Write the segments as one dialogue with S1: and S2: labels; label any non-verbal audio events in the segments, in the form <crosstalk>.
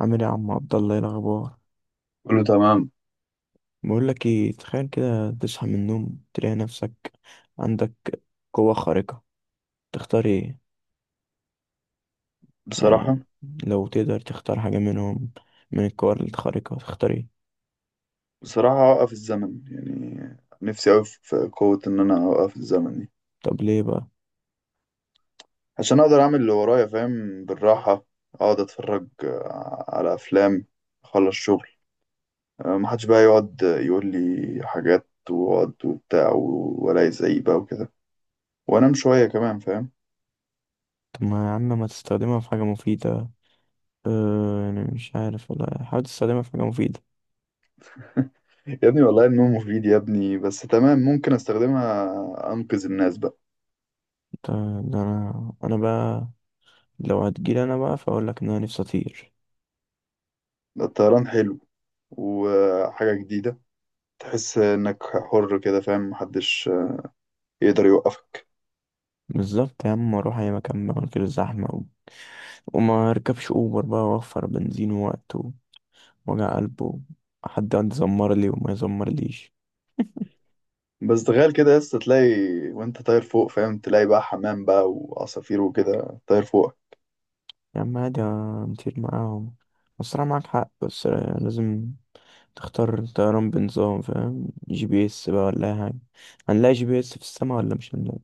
S1: عامل ايه يا عم عبد الله؟ ايه الاخبار؟
S2: كله تمام.
S1: بقول لك ايه، تخيل كده تصحى من النوم تلاقي نفسك عندك قوة خارقة. تختار ايه؟ يعني
S2: بصراحة،
S1: لو تقدر تختار حاجة منهم، من القوى الخارقة تختار ايه؟
S2: بصراحة أوقف الزمن يعني. نفسي أوي في قوة إن أنا أوقف الزمن دي.
S1: طب ليه بقى؟
S2: عشان أقدر أعمل اللي ورايا، فاهم، بالراحة أقعد أتفرج على أفلام، أخلص شغل محدش بقى يقعد يقول لي حاجات وقعد وبتاع ولا يزعيق بقى وكده، وأنام شوية كمان فاهم.
S1: طب ما يا عم ما تستخدمها في حاجة مفيدة. اه يعني مش عارف والله، حاول تستخدمها في حاجة مفيدة.
S2: <laughs> يا ابني والله النوم مفيد يا ابني، بس تمام ممكن أستخدمها أنقذ الناس بقى.
S1: ده, ده انا بقى. لو هتجيلي انا بقى، فاقول لك ان انا نفسي اطير.
S2: ده الطيران حلو وحاجة جديدة، تحس انك حر كده، فاهم، محدش يقدر يوقفك.
S1: بالظبط يا عم، اروح اي مكان بقى من غير زحمة و... وما اركبش اوبر بقى واوفر بنزين ووقت وجع قلبه. حد يقعد يزمر لي وما يزمر ليش.
S2: بس تخيل كده يا اسطى تلاقي وانت طاير فوق، فاهم، تلاقي بقى حمام بقى وعصافير وكده طاير فوق.
S1: يا عم عادي، نطير معاهم. الصراحة معاك حق، بس لازم تختار الطيران بنظام فاهم GPS بقى ولا أي حاجة. هنلاقي GPS في السما ولا مش هنلاقي؟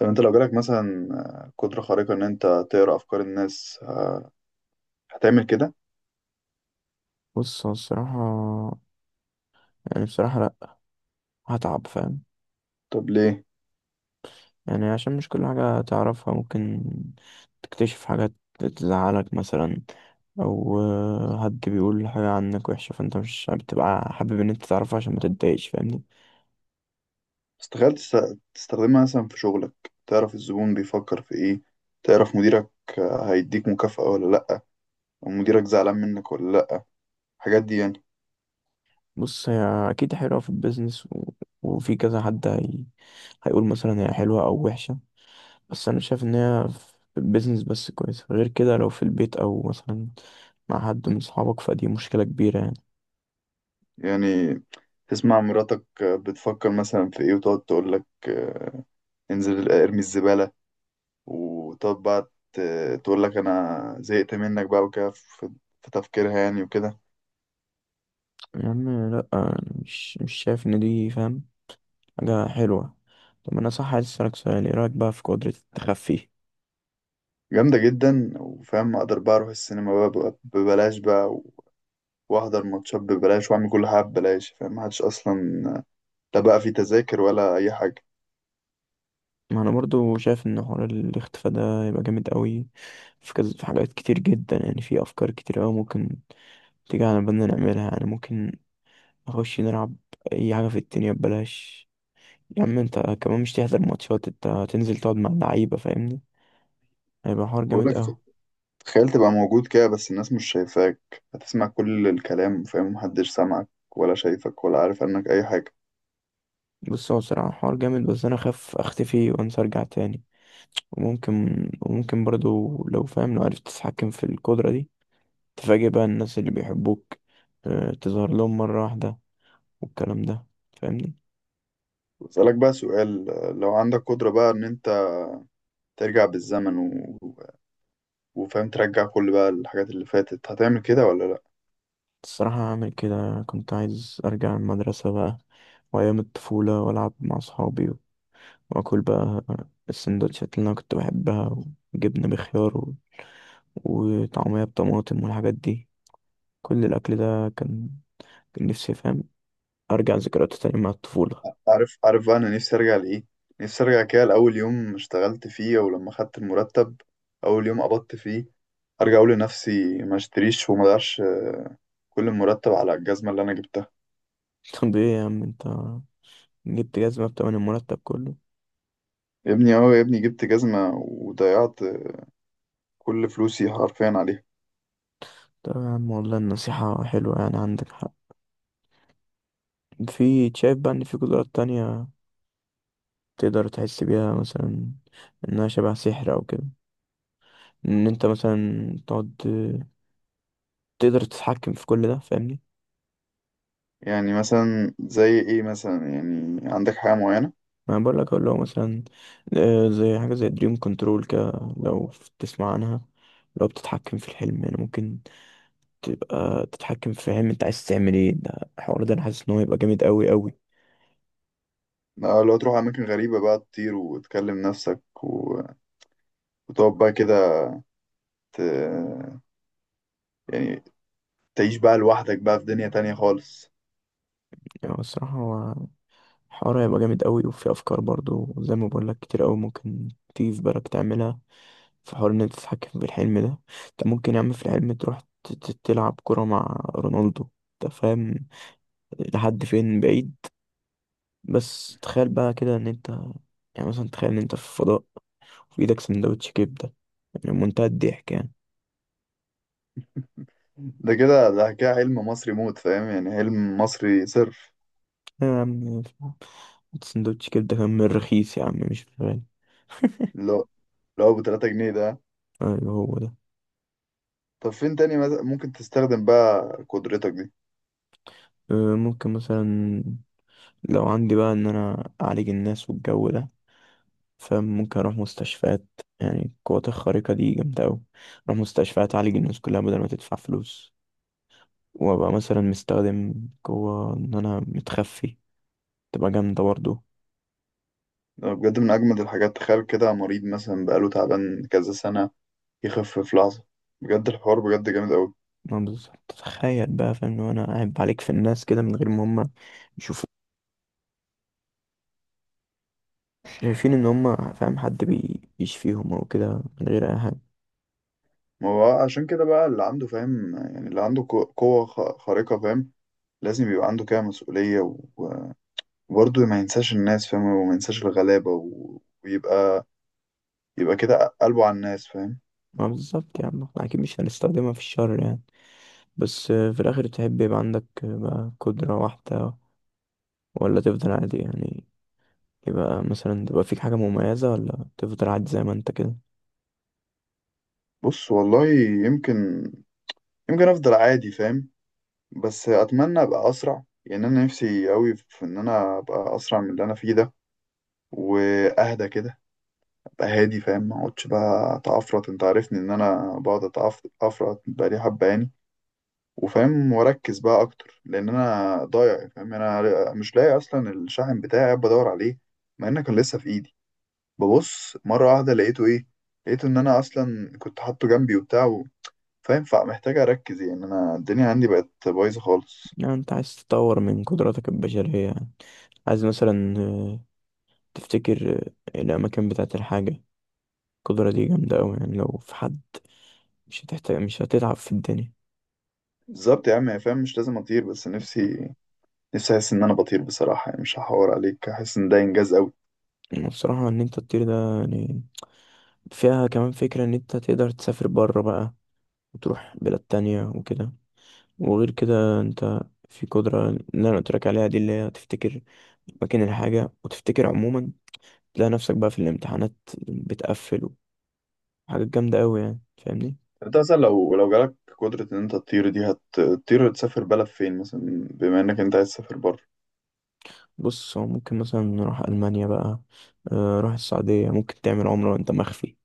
S2: طب انت لو جالك مثلا قدرة خارقة ان انت تقرا افكار الناس، هتعمل كده؟
S1: بص، هو الصراحة يعني بصراحة لأ، هتعب فاهم.
S2: طب ليه؟
S1: يعني عشان مش كل حاجة تعرفها ممكن تكتشف حاجات تزعلك مثلا، أو حد بيقول حاجة عنك وحشة، فأنت مش بتبقى حابب إن أنت تعرفها عشان ما تتضايقش فاهمني.
S2: بس تخيل تستخدمها مثلا في شغلك، تعرف الزبون بيفكر في ايه، تعرف مديرك هيديك مكافأة ولا لأ، ومديرك زعلان منك ولا لأ، الحاجات دي يعني.
S1: بص، هي أكيد حلوة في البيزنس و... وفي كذا حد. هيقول مثلا هي حلوة أو وحشة، بس أنا شايف إن هي في البيزنس بس كويسة، غير كده لو في البيت أو مثلا مع حد من صحابك فدي مشكلة كبيرة يعني.
S2: يعني تسمع مراتك بتفكر مثلا في ايه، وتقعد تقولك انزل ارمي الزبالة، وتقعد بقى تقول لك انا زهقت منك بقى وكده، في تفكيرها يعني وكده.
S1: يا عم لأ، أنا مش شايف إن دي فاهم حاجة حلوة. طب أنا صح، عايز أسألك سؤال: إيه رأيك بقى في قدرة التخفي؟
S2: جامدة جدا، وفاهم اقدر بقى اروح السينما بقى ببلاش بقى، واحضر ماتشات ببلاش، واعمل كل حاجة ببلاش، فاهم، محدش اصلا لا بقى في تذاكر ولا اي حاجة.
S1: ما أنا برضو شايف إن حوار الاختفاء ده يبقى جامد قوي في كذا. في حاجات كتير جدا يعني، في أفكار كتير أوي ممكن تيجي على بالنا نعملها، يعني ممكن نخش نلعب اي حاجه في الدنيا ببلاش. يا عم انت كمان مش تحضر ماتشات، انت هتنزل تقعد مع اللعيبه فاهمني. هيبقى حوار جامد
S2: بقولك،
S1: قوي.
S2: تخيل تبقى موجود كده بس الناس مش شايفاك، هتسمع كل الكلام، فاهم، محدش سامعك ولا شايفك ولا عارف عنك اي حاجة.
S1: بص، هو بصراحه حوار جامد بس انا خاف اختفي وانسى ارجع تاني. وممكن وممكن برضو لو فاهم، لو عرفت تتحكم في القدره دي تفاجئ بقى الناس اللي بيحبوك. اه، تظهر لهم مره واحده والكلام ده فاهمني.
S2: بسألك بقى سؤال، لو عندك قدرة بقى ان انت ترجع بالزمن، وفاهم ترجع كل بقى الحاجات اللي فاتت، هتعمل كده ولا لأ؟
S1: الصراحه هعمل كده. كنت عايز ارجع المدرسه بقى، وايام الطفوله والعب مع اصحابي، واكل بقى السندوتشات اللي انا كنت بحبها، وجبنه بخيار و... وطعميه بطماطم والحاجات دي. كل الاكل ده كان، نفسي فاهم ارجع ذكرياته تاني مع الطفوله.
S2: عارف، عارف بقى أنا نفسي أرجع لإيه؟ نفسي أرجع كده لأول يوم اشتغلت فيه، أو لما خدت المرتب، أول يوم قبضت فيه، أرجع أقول لنفسي ما اشتريش وما ضيعش كل المرتب على الجزمة اللي أنا جبتها.
S1: <laughs> طب ايه يا عم انت، جبت جزمه بتمن المرتب كله؟
S2: يا ابني أهو يا ابني جبت جزمة وضيعت كل فلوسي حرفيا عليها.
S1: طب يا عم والله النصيحه حلوه، يعني عندك حق. في شايف بقى ان في قدرات تانية تقدر تحس بيها مثلا انها شبه سحر او كده، ان انت مثلا تقعد تقدر تتحكم في كل ده فاهمني؟
S2: يعني مثلا زي إيه مثلا؟ يعني عندك حاجة معينة؟
S1: ما بقول لك اللي هو مثلا زي حاجة زي دريم كنترول كده، لو تسمع عنها. لو بتتحكم في الحلم يعني ممكن تبقى تتحكم في الحلم انت عايز تعمل ايه، ده الحوار ده انا حاسس ان هو يبقى جامد قوي قوي.
S2: لو تروح أماكن غريبة بقى، تطير وتكلم نفسك وتقعد بقى كده، ت- يعني تعيش بقى لوحدك بقى في دنيا تانية خالص.
S1: يعني الصراحة هو الحوار هيبقى جامد قوي، وفي افكار برضو زي ما بقول لك كتير قوي ممكن تيجي في بالك تعملها في حوار ان انت تتحكم في الحلم ده. انت ممكن يا عم في الحلم تروح تلعب كرة مع رونالدو. انت فاهم لحد فين بعيد؟ بس تخيل بقى كده ان انت، يعني مثلا تخيل ان انت في الفضاء، في ايدك سندوتش كبده، يعني منتهى الضحك يعني.
S2: ده كده حلم مصري موت، فاهم، يعني حلم مصري صرف.
S1: يا عم، سندوتش كبده كان من الرخيص يا عم مش غالي. <laughs>
S2: اللي هو اللي هو بتلاتة جنيه ده.
S1: ايوه هو ده.
S2: طب فين تاني مثلا ممكن تستخدم بقى قدرتك دي؟
S1: ممكن مثلا لو عندي بقى ان انا اعالج الناس والجو ده، فممكن اروح مستشفيات. يعني القوات الخارقة دي جامدة اوي، اروح مستشفيات اعالج الناس كلها بدل ما تدفع فلوس، وابقى مثلا مستخدم قوة ان انا متخفي، تبقى جامدة برضه.
S2: ده بجد من أجمد الحاجات. تخيل كده مريض مثلا بقاله تعبان كذا سنة يخف في لحظة، بجد الحوار بجد جامد أوي.
S1: ما بالظبط، تخيل بقى فاهم لو انا قاعد بعليك في الناس كده من غير ما هم يشوفوا، شايفين ان هم فاهم حد بيشفيهم او كده من غير اي حاجه.
S2: ما هو عشان كده بقى اللي عنده فاهم، يعني اللي عنده قوة خارقة، فاهم، لازم يبقى عنده كده مسؤولية وبرضه ما ينساش الناس، فاهم، وما ينساش الغلابة ويبقى كده قلبه على الناس، فاهم.
S1: ما بالظبط يا عم، احنا اكيد مش هنستخدمها في الشر يعني. بس في الاخر تحب يبقى عندك بقى قدره واحده، ولا تفضل عادي يعني؟ يبقى مثلا تبقى فيك حاجه مميزه ولا تفضل عادي زي ما انت كده؟
S2: بص والله، يمكن يمكن افضل عادي فاهم، بس اتمنى ابقى اسرع يعني. انا نفسي قوي في ان انا ابقى اسرع من اللي انا فيه ده، واهدى كده، ابقى هادي فاهم، ما اقعدش بقى اتعفرط. انت عارفني ان انا بقعد اتعفرط بقالي حبه يعني. وفاهم واركز بقى اكتر لان انا ضايع فاهم. انا مش لاقي اصلا الشاحن بتاعي، قاعد بدور عليه مع انه كان لسه في ايدي، ببص مره واحده لقيته ايه؟ لقيته ان انا اصلا كنت حاطه جنبي وبتاع. فينفع، محتاج اركز يعني، انا الدنيا عندي بقت بايظه خالص.
S1: يعني انت عايز تطور من قدراتك البشريه يعني، عايز مثلا تفتكر الاماكن بتاعت الحاجه. القدرة دي جامدة أوي يعني لو في حد، مش هتحتاج مش هتتعب في الدنيا.
S2: بالظبط يا عم يا فاهم، مش لازم اطير بس نفسي، نفسي احس ان انا بطير بصراحه يعني، مش هحور عليك، احس ان ده انجاز قوي.
S1: أنا بصراحة ان انت تطير ده يعني فيها كمان فكرة ان انت تقدر تسافر بره بقى وتروح بلاد تانية وكده. وغير كده انت في قدرة اللي انا قلتلك عليها دي، اللي هي تفتكر مكان الحاجة وتفتكر عموما. تلاقي نفسك بقى في الامتحانات بتقفل حاجات جامدة أوي يعني فاهمني.
S2: انت مثلا لو جالك قدره ان انت تطير دي، هتطير تسافر بلد فين مثلا، بما انك انت عايز تسافر بره؟
S1: بص، هو ممكن مثلا نروح ألمانيا بقى. روح السعودية، ممكن تعمل عمرة وأنت مخفي.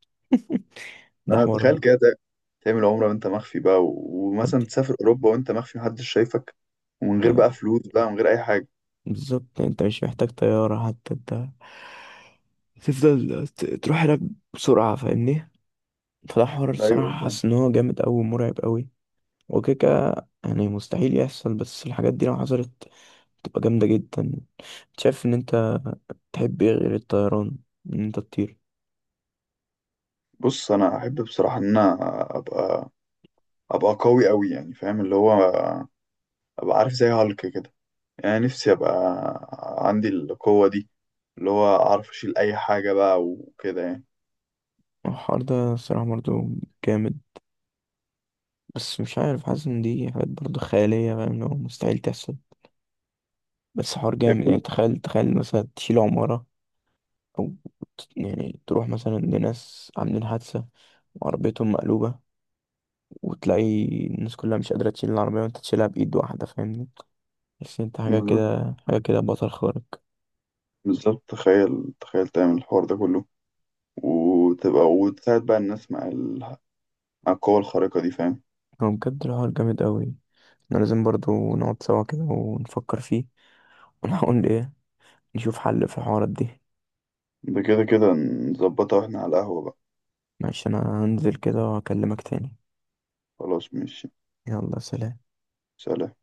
S1: <laughs> ده
S2: انا
S1: حوار.
S2: تخيل كده تعمل عمره وانت مخفي بقى ومثلا تسافر اوروبا وانت مخفي، محدش شايفك، ومن غير بقى
S1: حد
S2: فلوس بقى ومن غير اي حاجه.
S1: بالظبط انت مش محتاج طيارة حتى، انت تفضل تروح هناك بسرعة فاهمني. فده حوار
S2: ايوه
S1: الصراحة
S2: ده.
S1: حاسس ان هو جامد اوي مرعب اوي. وكيكا، يعني مستحيل يحصل بس الحاجات دي لو حصلت تبقى جامدة جدا. شايف ان انت تحب ايه غير الطيران، ان انت تطير؟
S2: بص انا احب بصراحه ان انا ابقى ابقى قوي قوي يعني، فاهم، اللي هو ابقى عارف زي هالك كده. يعني نفسي ابقى عندي القوة دي، اللي هو اعرف اشيل اي حاجة بقى وكده يعني.
S1: الحوار ده الصراحة برضه جامد، بس مش عارف، حاسس ان دي حاجات برضه خيالية فاهم اللي هو مستحيل تحصل. بس حوار
S2: هي
S1: جامد يعني،
S2: كل،
S1: تخيل تخيل مثلا تشيل عمارة، أو يعني تروح مثلا لناس عاملين حادثة وعربيتهم مقلوبة وتلاقي الناس كلها مش قادرة تشيل العربية وانت تشيلها بإيد واحدة فاهمني. بس انت حاجة
S2: بالظبط،
S1: كده حاجة كده بطل خارق.
S2: بالظبط تخيل، تخيل تعمل الحوار ده كله وتبقى وتساعد بقى الناس مع ال... مع القوة الخارقة دي، فاهم.
S1: هو بجد الحوار جامد قوي. احنا لازم برضو نقعد سوا كده ونفكر فيه، ونحاول ايه، نشوف حل في الحوارات دي.
S2: ده كده نظبطها واحنا على القهوة بقى.
S1: معلش، انا هنزل كده واكلمك تاني.
S2: خلاص ماشي،
S1: يلا، سلام.
S2: سلام.